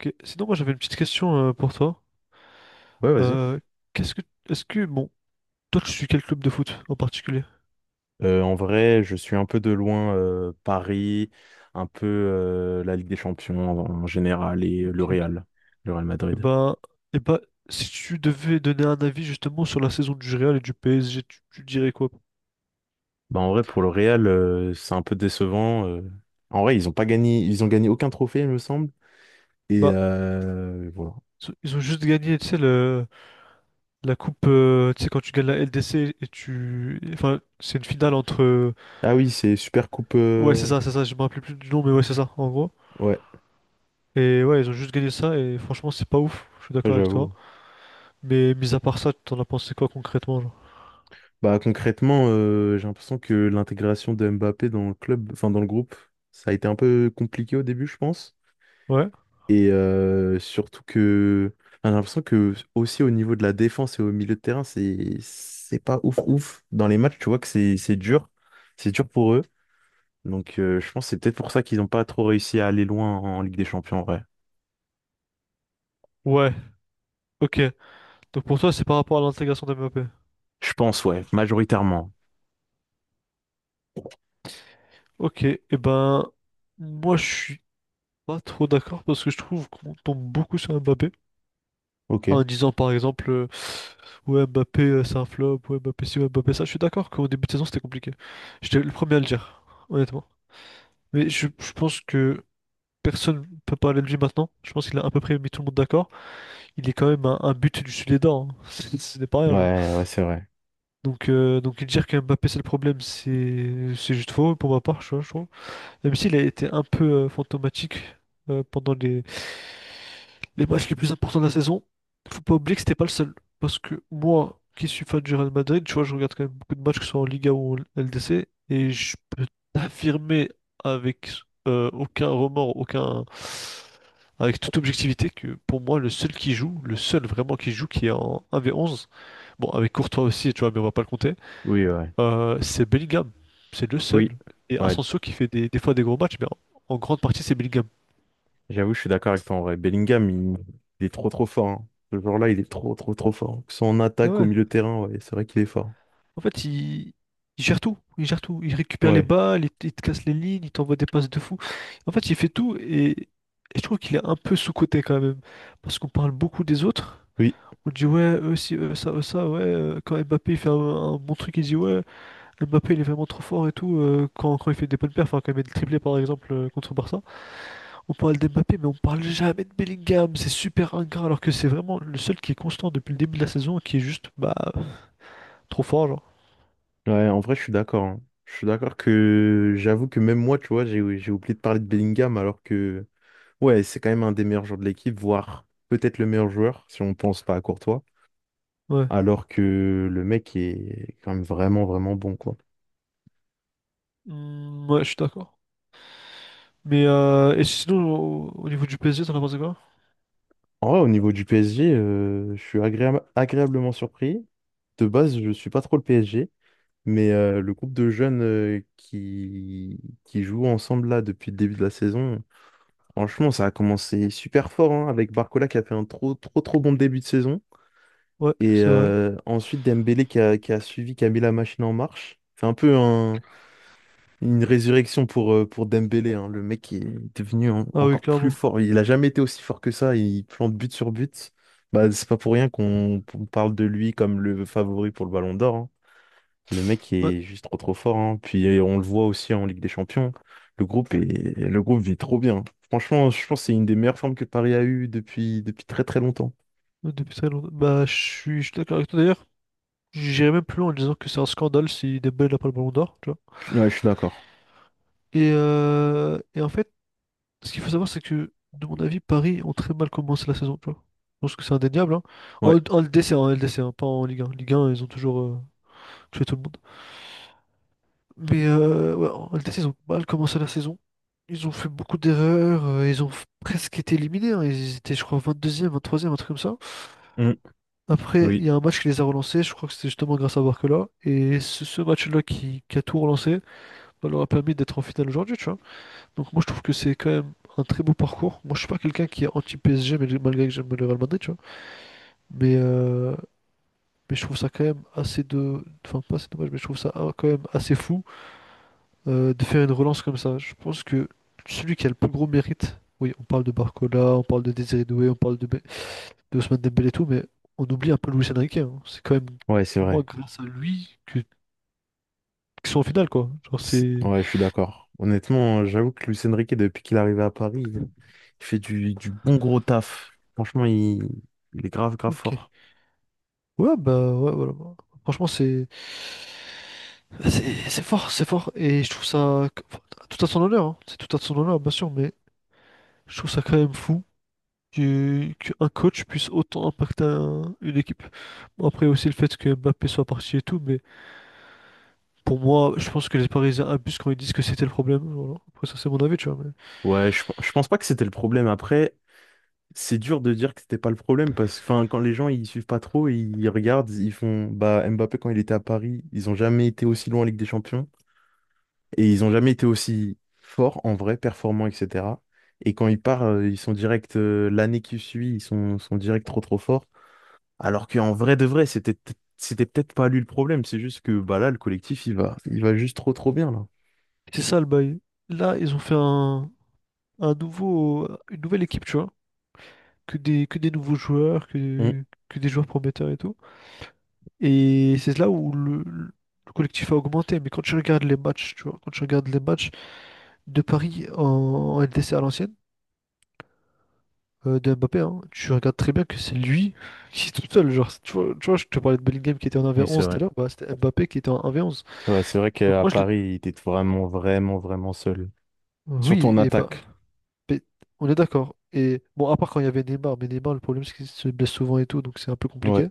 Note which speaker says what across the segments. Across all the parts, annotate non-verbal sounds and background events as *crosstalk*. Speaker 1: Ok. Sinon, moi j'avais une petite question pour toi.
Speaker 2: Ouais, vas-y.
Speaker 1: Euh, qu'est-ce que, est-ce que, Bon, toi tu suis quel club de foot en particulier?
Speaker 2: En vrai, je suis un peu de loin Paris, un peu la Ligue des Champions en général et
Speaker 1: Ok, ok.
Speaker 2: Le Real
Speaker 1: Et
Speaker 2: Madrid.
Speaker 1: ben, et ben, si tu devais donner un avis justement sur la saison du Real et du PSG, tu dirais quoi?
Speaker 2: Bah, en vrai, pour le Real, c'est un peu décevant. En vrai, ils ont pas gagné, ils ont gagné aucun trophée, il me semble. Et
Speaker 1: Bah,
Speaker 2: voilà.
Speaker 1: ils ont juste gagné, tu sais, la coupe, tu sais, quand tu gagnes la LDC et tu, enfin, c'est une finale entre,
Speaker 2: Ah oui, c'est Super Coupe.
Speaker 1: ouais, c'est ça, je me rappelle plus du nom, mais ouais, c'est ça, en gros.
Speaker 2: Ouais,
Speaker 1: Et ouais, ils ont juste gagné ça et franchement, c'est pas ouf. Je suis
Speaker 2: ouais,
Speaker 1: d'accord avec toi.
Speaker 2: j'avoue.
Speaker 1: Mais mis à part ça, t'en as pensé quoi concrètement, genre?
Speaker 2: Bah concrètement, j'ai l'impression que l'intégration de Mbappé dans le club, enfin dans le groupe, ça a été un peu compliqué au début, je pense.
Speaker 1: Ouais.
Speaker 2: Et surtout que enfin, j'ai l'impression que aussi au niveau de la défense et au milieu de terrain, c'est pas ouf ouf. Dans les matchs, tu vois que c'est dur. C'est dur pour eux. Donc je pense que c'est peut-être pour ça qu'ils n'ont pas trop réussi à aller loin en Ligue des Champions, en vrai.
Speaker 1: Ouais, ok. Donc pour toi, c'est par rapport à l'intégration des MAP.
Speaker 2: Je pense, ouais, majoritairement.
Speaker 1: Ok, et ben, moi je suis pas trop d'accord parce que je trouve qu'on tombe beaucoup sur Mbappé
Speaker 2: Ok.
Speaker 1: en disant par exemple, ouais, Mbappé c'est un flop, ouais, Mbappé ci, ouais, Mbappé ça. Je suis d'accord qu'au début de saison c'était compliqué. J'étais le premier à le dire, honnêtement. Mais je pense que personne peut parler de lui maintenant. Je pense qu'il a à peu près mis tout le monde d'accord. Il est quand même un but du Sud-Lédard, hein. *laughs* Ce n'est pas rien, genre.
Speaker 2: Ouais, ouais, c'est vrai.
Speaker 1: Donc dire que Mbappé c'est le problème, c'est juste faux pour ma part, je trouve. Même s'il a été un peu fantomatique pendant les matchs les plus importants de la saison, faut pas oublier que c'était pas le seul. Parce que moi, qui suis fan du Real Madrid, tu vois, je regarde quand même beaucoup de matchs, que ce soit en Liga ou en LDC, et je peux t'affirmer avec aucun remords, aucun... avec toute objectivité, que pour moi, le seul qui joue, le seul vraiment qui joue, qui est en 1v11, bon, avec Courtois aussi, tu vois, mais on va pas le compter,
Speaker 2: Oui, ouais.
Speaker 1: c'est Bellingham, c'est le seul.
Speaker 2: Oui.
Speaker 1: Et
Speaker 2: Ouais,
Speaker 1: Asensio qui fait des fois des gros matchs, mais en grande partie c'est Bellingham.
Speaker 2: j'avoue, je suis d'accord avec toi en vrai. Bellingham, il est trop trop fort. Hein. Ce joueur-là, il est trop trop trop fort. Que ce soit en
Speaker 1: Ah
Speaker 2: attaque, au
Speaker 1: ouais.
Speaker 2: milieu de terrain, ouais, c'est vrai qu'il est fort.
Speaker 1: En fait, il gère tout, il gère tout. Il récupère les
Speaker 2: Ouais.
Speaker 1: balles, il te casse les lignes, il t'envoie des passes de fou. En fait, il fait tout et je trouve qu'il est un peu sous-coté quand même. Parce qu'on parle beaucoup des autres.
Speaker 2: Oui.
Speaker 1: On dit ouais, eux si, eux ça, ouais. Quand Mbappé il fait un bon truc, il dit ouais, Mbappé il est vraiment trop fort et tout. Quand il fait des bonnes perfs, hein, quand il met des triplés par exemple contre Barça. On parle d'Mbappé, mais on parle jamais de Bellingham. C'est super ingrat, alors que c'est vraiment le seul qui est constant depuis le début de la saison, et qui est juste bah trop fort, genre.
Speaker 2: Ouais, en vrai, je suis d'accord. hein. Je suis d'accord que j'avoue que même moi, tu vois, j'ai oublié de parler de Bellingham alors que, ouais, c'est quand même un des meilleurs joueurs de l'équipe, voire peut-être le meilleur joueur si on pense pas à Courtois,
Speaker 1: Ouais.
Speaker 2: alors que le mec est quand même vraiment, vraiment bon, quoi.
Speaker 1: Hmm, ouais, je suis d'accord. Mais et sinon, au niveau du PSG, t'en as pensé quoi?
Speaker 2: En vrai, au niveau du PSG, je suis agréablement surpris. De base, je suis pas trop le PSG, mais le groupe de jeunes qui jouent ensemble là depuis le début de la saison. Franchement, ça a commencé super fort hein, avec Barcola qui a fait un trop trop trop bon début de saison.
Speaker 1: Ouais,
Speaker 2: Et
Speaker 1: c'est vrai.
Speaker 2: ensuite Dembélé qui a suivi, qui a mis la machine en marche. C'est un peu une résurrection pour Dembélé. Hein. Le mec est devenu
Speaker 1: Ah oui,
Speaker 2: encore plus
Speaker 1: clairement.
Speaker 2: fort. Il n'a jamais été aussi fort que ça. Il plante but sur but. Bah, c'est pas pour rien qu'on parle de lui comme le favori pour le Ballon d'Or. Hein. Le mec
Speaker 1: Ouais,
Speaker 2: est juste trop trop fort, hein. Puis on le voit aussi en Ligue des Champions. Le groupe est, le groupe vit trop bien. Franchement, je pense que c'est une des meilleures formes que Paris a eues depuis très très longtemps.
Speaker 1: ouais, depuis très longtemps. Bah, je suis d'accord avec toi d'ailleurs. J'irais même plus loin en disant que c'est un scandale si Dembélé n'a pas le ballon d'or, tu vois.
Speaker 2: Ouais, je suis d'accord.
Speaker 1: Et en fait, ce qu'il faut savoir, c'est que, de mon avis, Paris ont très mal commencé la saison, tu vois. Je pense que c'est indéniable, hein. En,
Speaker 2: Ouais.
Speaker 1: en LDC, en LDC, hein, pas en Ligue 1. Ligue 1, ils ont toujours tué tout le monde. Mais ouais, en LDC, ils ont mal commencé la saison. Ils ont fait beaucoup d'erreurs. Ils ont presque été éliminés, hein. Ils étaient, je crois, 22e, 23e, un truc comme ça.
Speaker 2: Mm.
Speaker 1: Après, il
Speaker 2: Oui.
Speaker 1: y a un match qui les a relancés. Je crois que c'était justement grâce à Barcola. Et ce match-là qui a tout relancé, bah, leur a permis d'être en finale aujourd'hui, tu vois. Donc moi je trouve que c'est quand même un très beau parcours. Moi je suis pas quelqu'un qui est anti-PSG mais malgré que j'aime le Real Madrid, tu vois. Mais, euh, mais je trouve ça quand même assez de... Enfin pas assez dommage mais je trouve ça ah, quand même assez fou de faire une relance comme ça. Je pense que celui qui a le plus gros mérite, oui on parle de Barcola, on parle de Désiré Doué, on parle de Ousmane Dembélé et tout, mais on oublie un peu Luis Enrique, hein. C'est quand même
Speaker 2: Ouais, c'est
Speaker 1: moi
Speaker 2: vrai.
Speaker 1: grâce à lui que... qu'ils sont en finale quoi. Genre c'est...
Speaker 2: Ouais, je suis d'accord. Honnêtement, j'avoue que Luis Enrique, depuis qu'il est arrivé à Paris, il fait du bon gros taf. Franchement, il est grave, grave
Speaker 1: Ok.
Speaker 2: fort.
Speaker 1: Ouais, bah ouais, voilà. Franchement, c'est fort, c'est fort. Et je trouve ça enfin, tout à son honneur, hein. C'est tout à son honneur, bien sûr, mais je trouve ça quand même fou que qu'un coach puisse autant impacter une équipe. Bon, après aussi le fait que Mbappé soit parti et tout, mais pour moi, je pense que les Parisiens abusent quand ils disent que c'était le problème. Voilà. Après ça, c'est mon avis, tu vois. Mais
Speaker 2: Ouais, je pense pas que c'était le problème. Après, c'est dur de dire que c'était pas le problème parce que enfin, quand les gens ils suivent pas trop, ils regardent, ils font bah Mbappé quand il était à Paris, ils ont jamais été aussi loin en Ligue des Champions et ils ont jamais été aussi forts en vrai, performants, etc. Et quand ils partent, ils sont direct l'année qui suit, sont direct trop trop forts. Alors qu'en vrai de vrai, c'était peut-être pas lui le problème, c'est juste que bah là le collectif il va juste trop trop bien là.
Speaker 1: c'est ça le bail. Là, ils ont fait une nouvelle équipe, tu vois. Que des nouveaux joueurs,
Speaker 2: Mm.
Speaker 1: que des joueurs prometteurs et tout. Et c'est là où le collectif a augmenté. Mais quand tu regardes les matchs, tu vois, quand tu regardes les matchs de Paris en LDC à l'ancienne, de Mbappé, hein, tu regardes très bien que c'est lui qui est tout seul. Genre, tu vois, je te parlais de Bellingham qui était en
Speaker 2: Oui, c'est
Speaker 1: 1v11 tout
Speaker 2: vrai.
Speaker 1: à l'heure, bah, c'était Mbappé qui était en 1v11.
Speaker 2: Ouais, c'est vrai
Speaker 1: Donc
Speaker 2: qu'à
Speaker 1: moi,
Speaker 2: Paris, il était vraiment vraiment vraiment seul. Surtout
Speaker 1: oui,
Speaker 2: en
Speaker 1: et bah,
Speaker 2: attaque.
Speaker 1: mais on est d'accord. Et bon, à part quand il y avait Neymar, mais Neymar, le problème, c'est qu'il se blesse souvent et tout, donc c'est un peu
Speaker 2: Ouais.
Speaker 1: compliqué.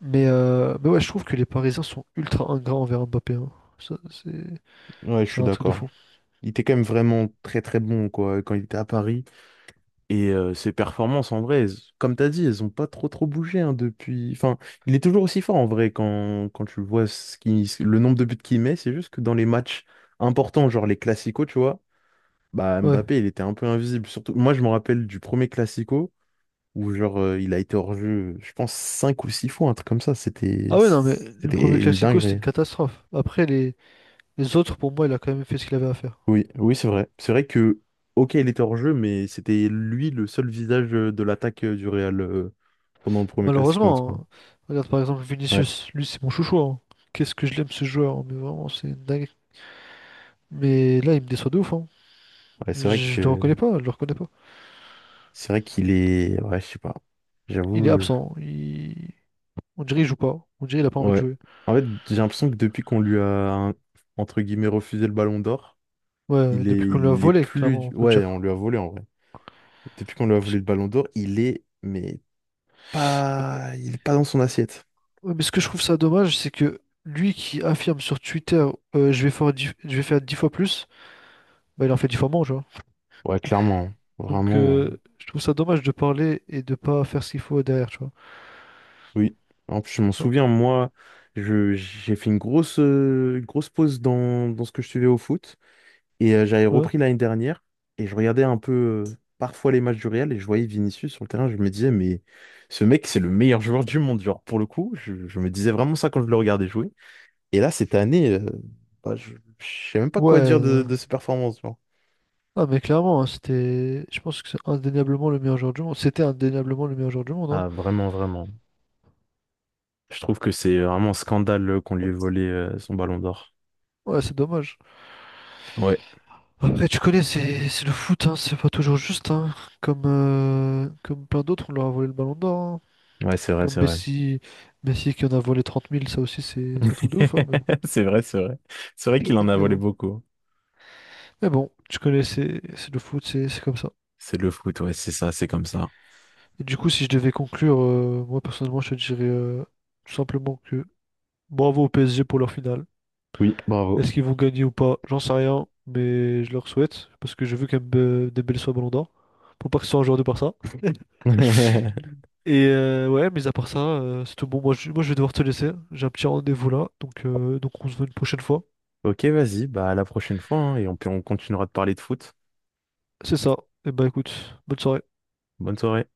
Speaker 1: Mais ouais, je trouve que les Parisiens sont ultra ingrats envers Mbappé, hein. Ça, c'est
Speaker 2: Ouais, je
Speaker 1: c'est
Speaker 2: suis
Speaker 1: un truc de
Speaker 2: d'accord.
Speaker 1: fou.
Speaker 2: Il était quand même vraiment très très bon quoi quand il était à Paris. Et ses performances en vrai, comme t'as dit, elles ont pas trop trop bougé hein, depuis. Enfin, il est toujours aussi fort en vrai quand tu vois ce qui... le nombre de buts qu'il met. C'est juste que dans les matchs importants, genre les classicos, tu vois, bah
Speaker 1: Ouais.
Speaker 2: Mbappé, il était un peu invisible. Surtout, moi je me rappelle du premier classico où genre il a été hors jeu, je pense cinq ou six fois, un truc comme ça. C'était
Speaker 1: Ah ouais, non, mais le premier
Speaker 2: c'était une
Speaker 1: Classico, c'était une
Speaker 2: dinguerie.
Speaker 1: catastrophe. Après, les autres, pour moi, il a quand même fait ce qu'il avait à faire.
Speaker 2: Oui, oui, c'est vrai. C'est vrai que, ok, il était hors jeu, mais c'était lui le seul visage de l'attaque du Real pendant le premier classico, en tout cas.
Speaker 1: Malheureusement, hein. Regarde par exemple
Speaker 2: Ouais,
Speaker 1: Vinicius, lui, c'est mon chouchou, hein. Qu'est-ce que je l'aime ce joueur, hein, mais vraiment, c'est une dingue. Mais là, il me déçoit de ouf, hein.
Speaker 2: ouais, c'est vrai
Speaker 1: Je le
Speaker 2: que
Speaker 1: reconnais pas, je le reconnais pas.
Speaker 2: c'est vrai qu'il est. Ouais, je sais pas.
Speaker 1: Il est
Speaker 2: J'avoue.
Speaker 1: absent. Il... On dirait qu'il joue pas. On dirait qu'il a pas envie de
Speaker 2: Ouais.
Speaker 1: jouer.
Speaker 2: En fait, j'ai l'impression que depuis qu'on lui un- entre guillemets, refusé le ballon d'or,
Speaker 1: Ouais, depuis qu'on lui a
Speaker 2: il est
Speaker 1: volé,
Speaker 2: plus.
Speaker 1: clairement, on peut le
Speaker 2: Ouais, on
Speaker 1: dire.
Speaker 2: lui a volé en vrai. Depuis qu'on lui a
Speaker 1: Parce
Speaker 2: volé
Speaker 1: que-
Speaker 2: le ballon d'or, il est. Mais
Speaker 1: Mais,
Speaker 2: pas. Il est pas dans son assiette.
Speaker 1: ouais, mais ce que je trouve ça dommage, c'est que lui qui affirme sur Twitter, je vais faire 10... je vais faire 10 fois plus, bah, il en fait 10 fois moins.
Speaker 2: Ouais, clairement. Hein.
Speaker 1: Donc,
Speaker 2: Vraiment. Hein.
Speaker 1: je trouve ça dommage de parler et de pas faire ce qu'il faut derrière, tu vois.
Speaker 2: Oui, en plus je m'en
Speaker 1: Non.
Speaker 2: souviens, moi, j'ai fait une grosse pause dans ce que je suivais au foot, et j'avais
Speaker 1: Ouais.
Speaker 2: repris l'année dernière, et je regardais un peu parfois les matchs du Real, et je voyais Vinicius sur le terrain, je me disais, mais ce mec, c'est le meilleur joueur du monde, genre, pour le coup, je me disais vraiment ça quand je le regardais jouer, et là, cette année, bah, je sais même pas quoi dire
Speaker 1: Ouais.
Speaker 2: de
Speaker 1: Non.
Speaker 2: ses performances, genre.
Speaker 1: Ah, mais clairement, hein, c'était. Je pense que c'est indéniablement le meilleur joueur du monde. C'était indéniablement le meilleur joueur du monde, hein.
Speaker 2: Ah, vraiment, vraiment. Je trouve que c'est vraiment un scandale qu'on lui ait volé son ballon d'or.
Speaker 1: Ouais, c'est dommage.
Speaker 2: Ouais,
Speaker 1: Après, tu connais, c'est le foot, hein, c'est pas toujours juste, hein. Comme plein d'autres, on leur a volé le ballon d'or, hein.
Speaker 2: ouais, c'est vrai,
Speaker 1: Comme
Speaker 2: c'est vrai.
Speaker 1: Messi... Messi qui en a volé 30 000. Ça aussi, c'est un truc de ouf, hein. Mais bon.
Speaker 2: *laughs* C'est vrai, c'est vrai. C'est vrai
Speaker 1: Mais
Speaker 2: qu'il en a volé
Speaker 1: bon.
Speaker 2: beaucoup.
Speaker 1: Mais bon, tu connais, c'est le foot, c'est comme ça.
Speaker 2: C'est le foot, ouais, c'est ça, c'est comme ça.
Speaker 1: Et du coup, si je devais conclure, moi personnellement, je te dirais tout simplement que bravo au PSG pour leur finale.
Speaker 2: Oui, bravo.
Speaker 1: Est-ce qu'ils vont gagner ou pas? J'en sais rien, mais je leur souhaite parce que je veux quand même Dembélé soit Ballon d'Or pour pas que ce soit un joueur de Barça. *laughs*
Speaker 2: *laughs*
Speaker 1: Et ouais, mais à part ça, c'est tout bon. Moi, je vais devoir te laisser. J'ai un petit rendez-vous là, donc on se voit une prochaine fois.
Speaker 2: Ok, vas-y, bah à la prochaine fois, hein, et on continuera de parler de foot.
Speaker 1: C'est ça. Et bah écoute, bonne soirée.
Speaker 2: Bonne soirée.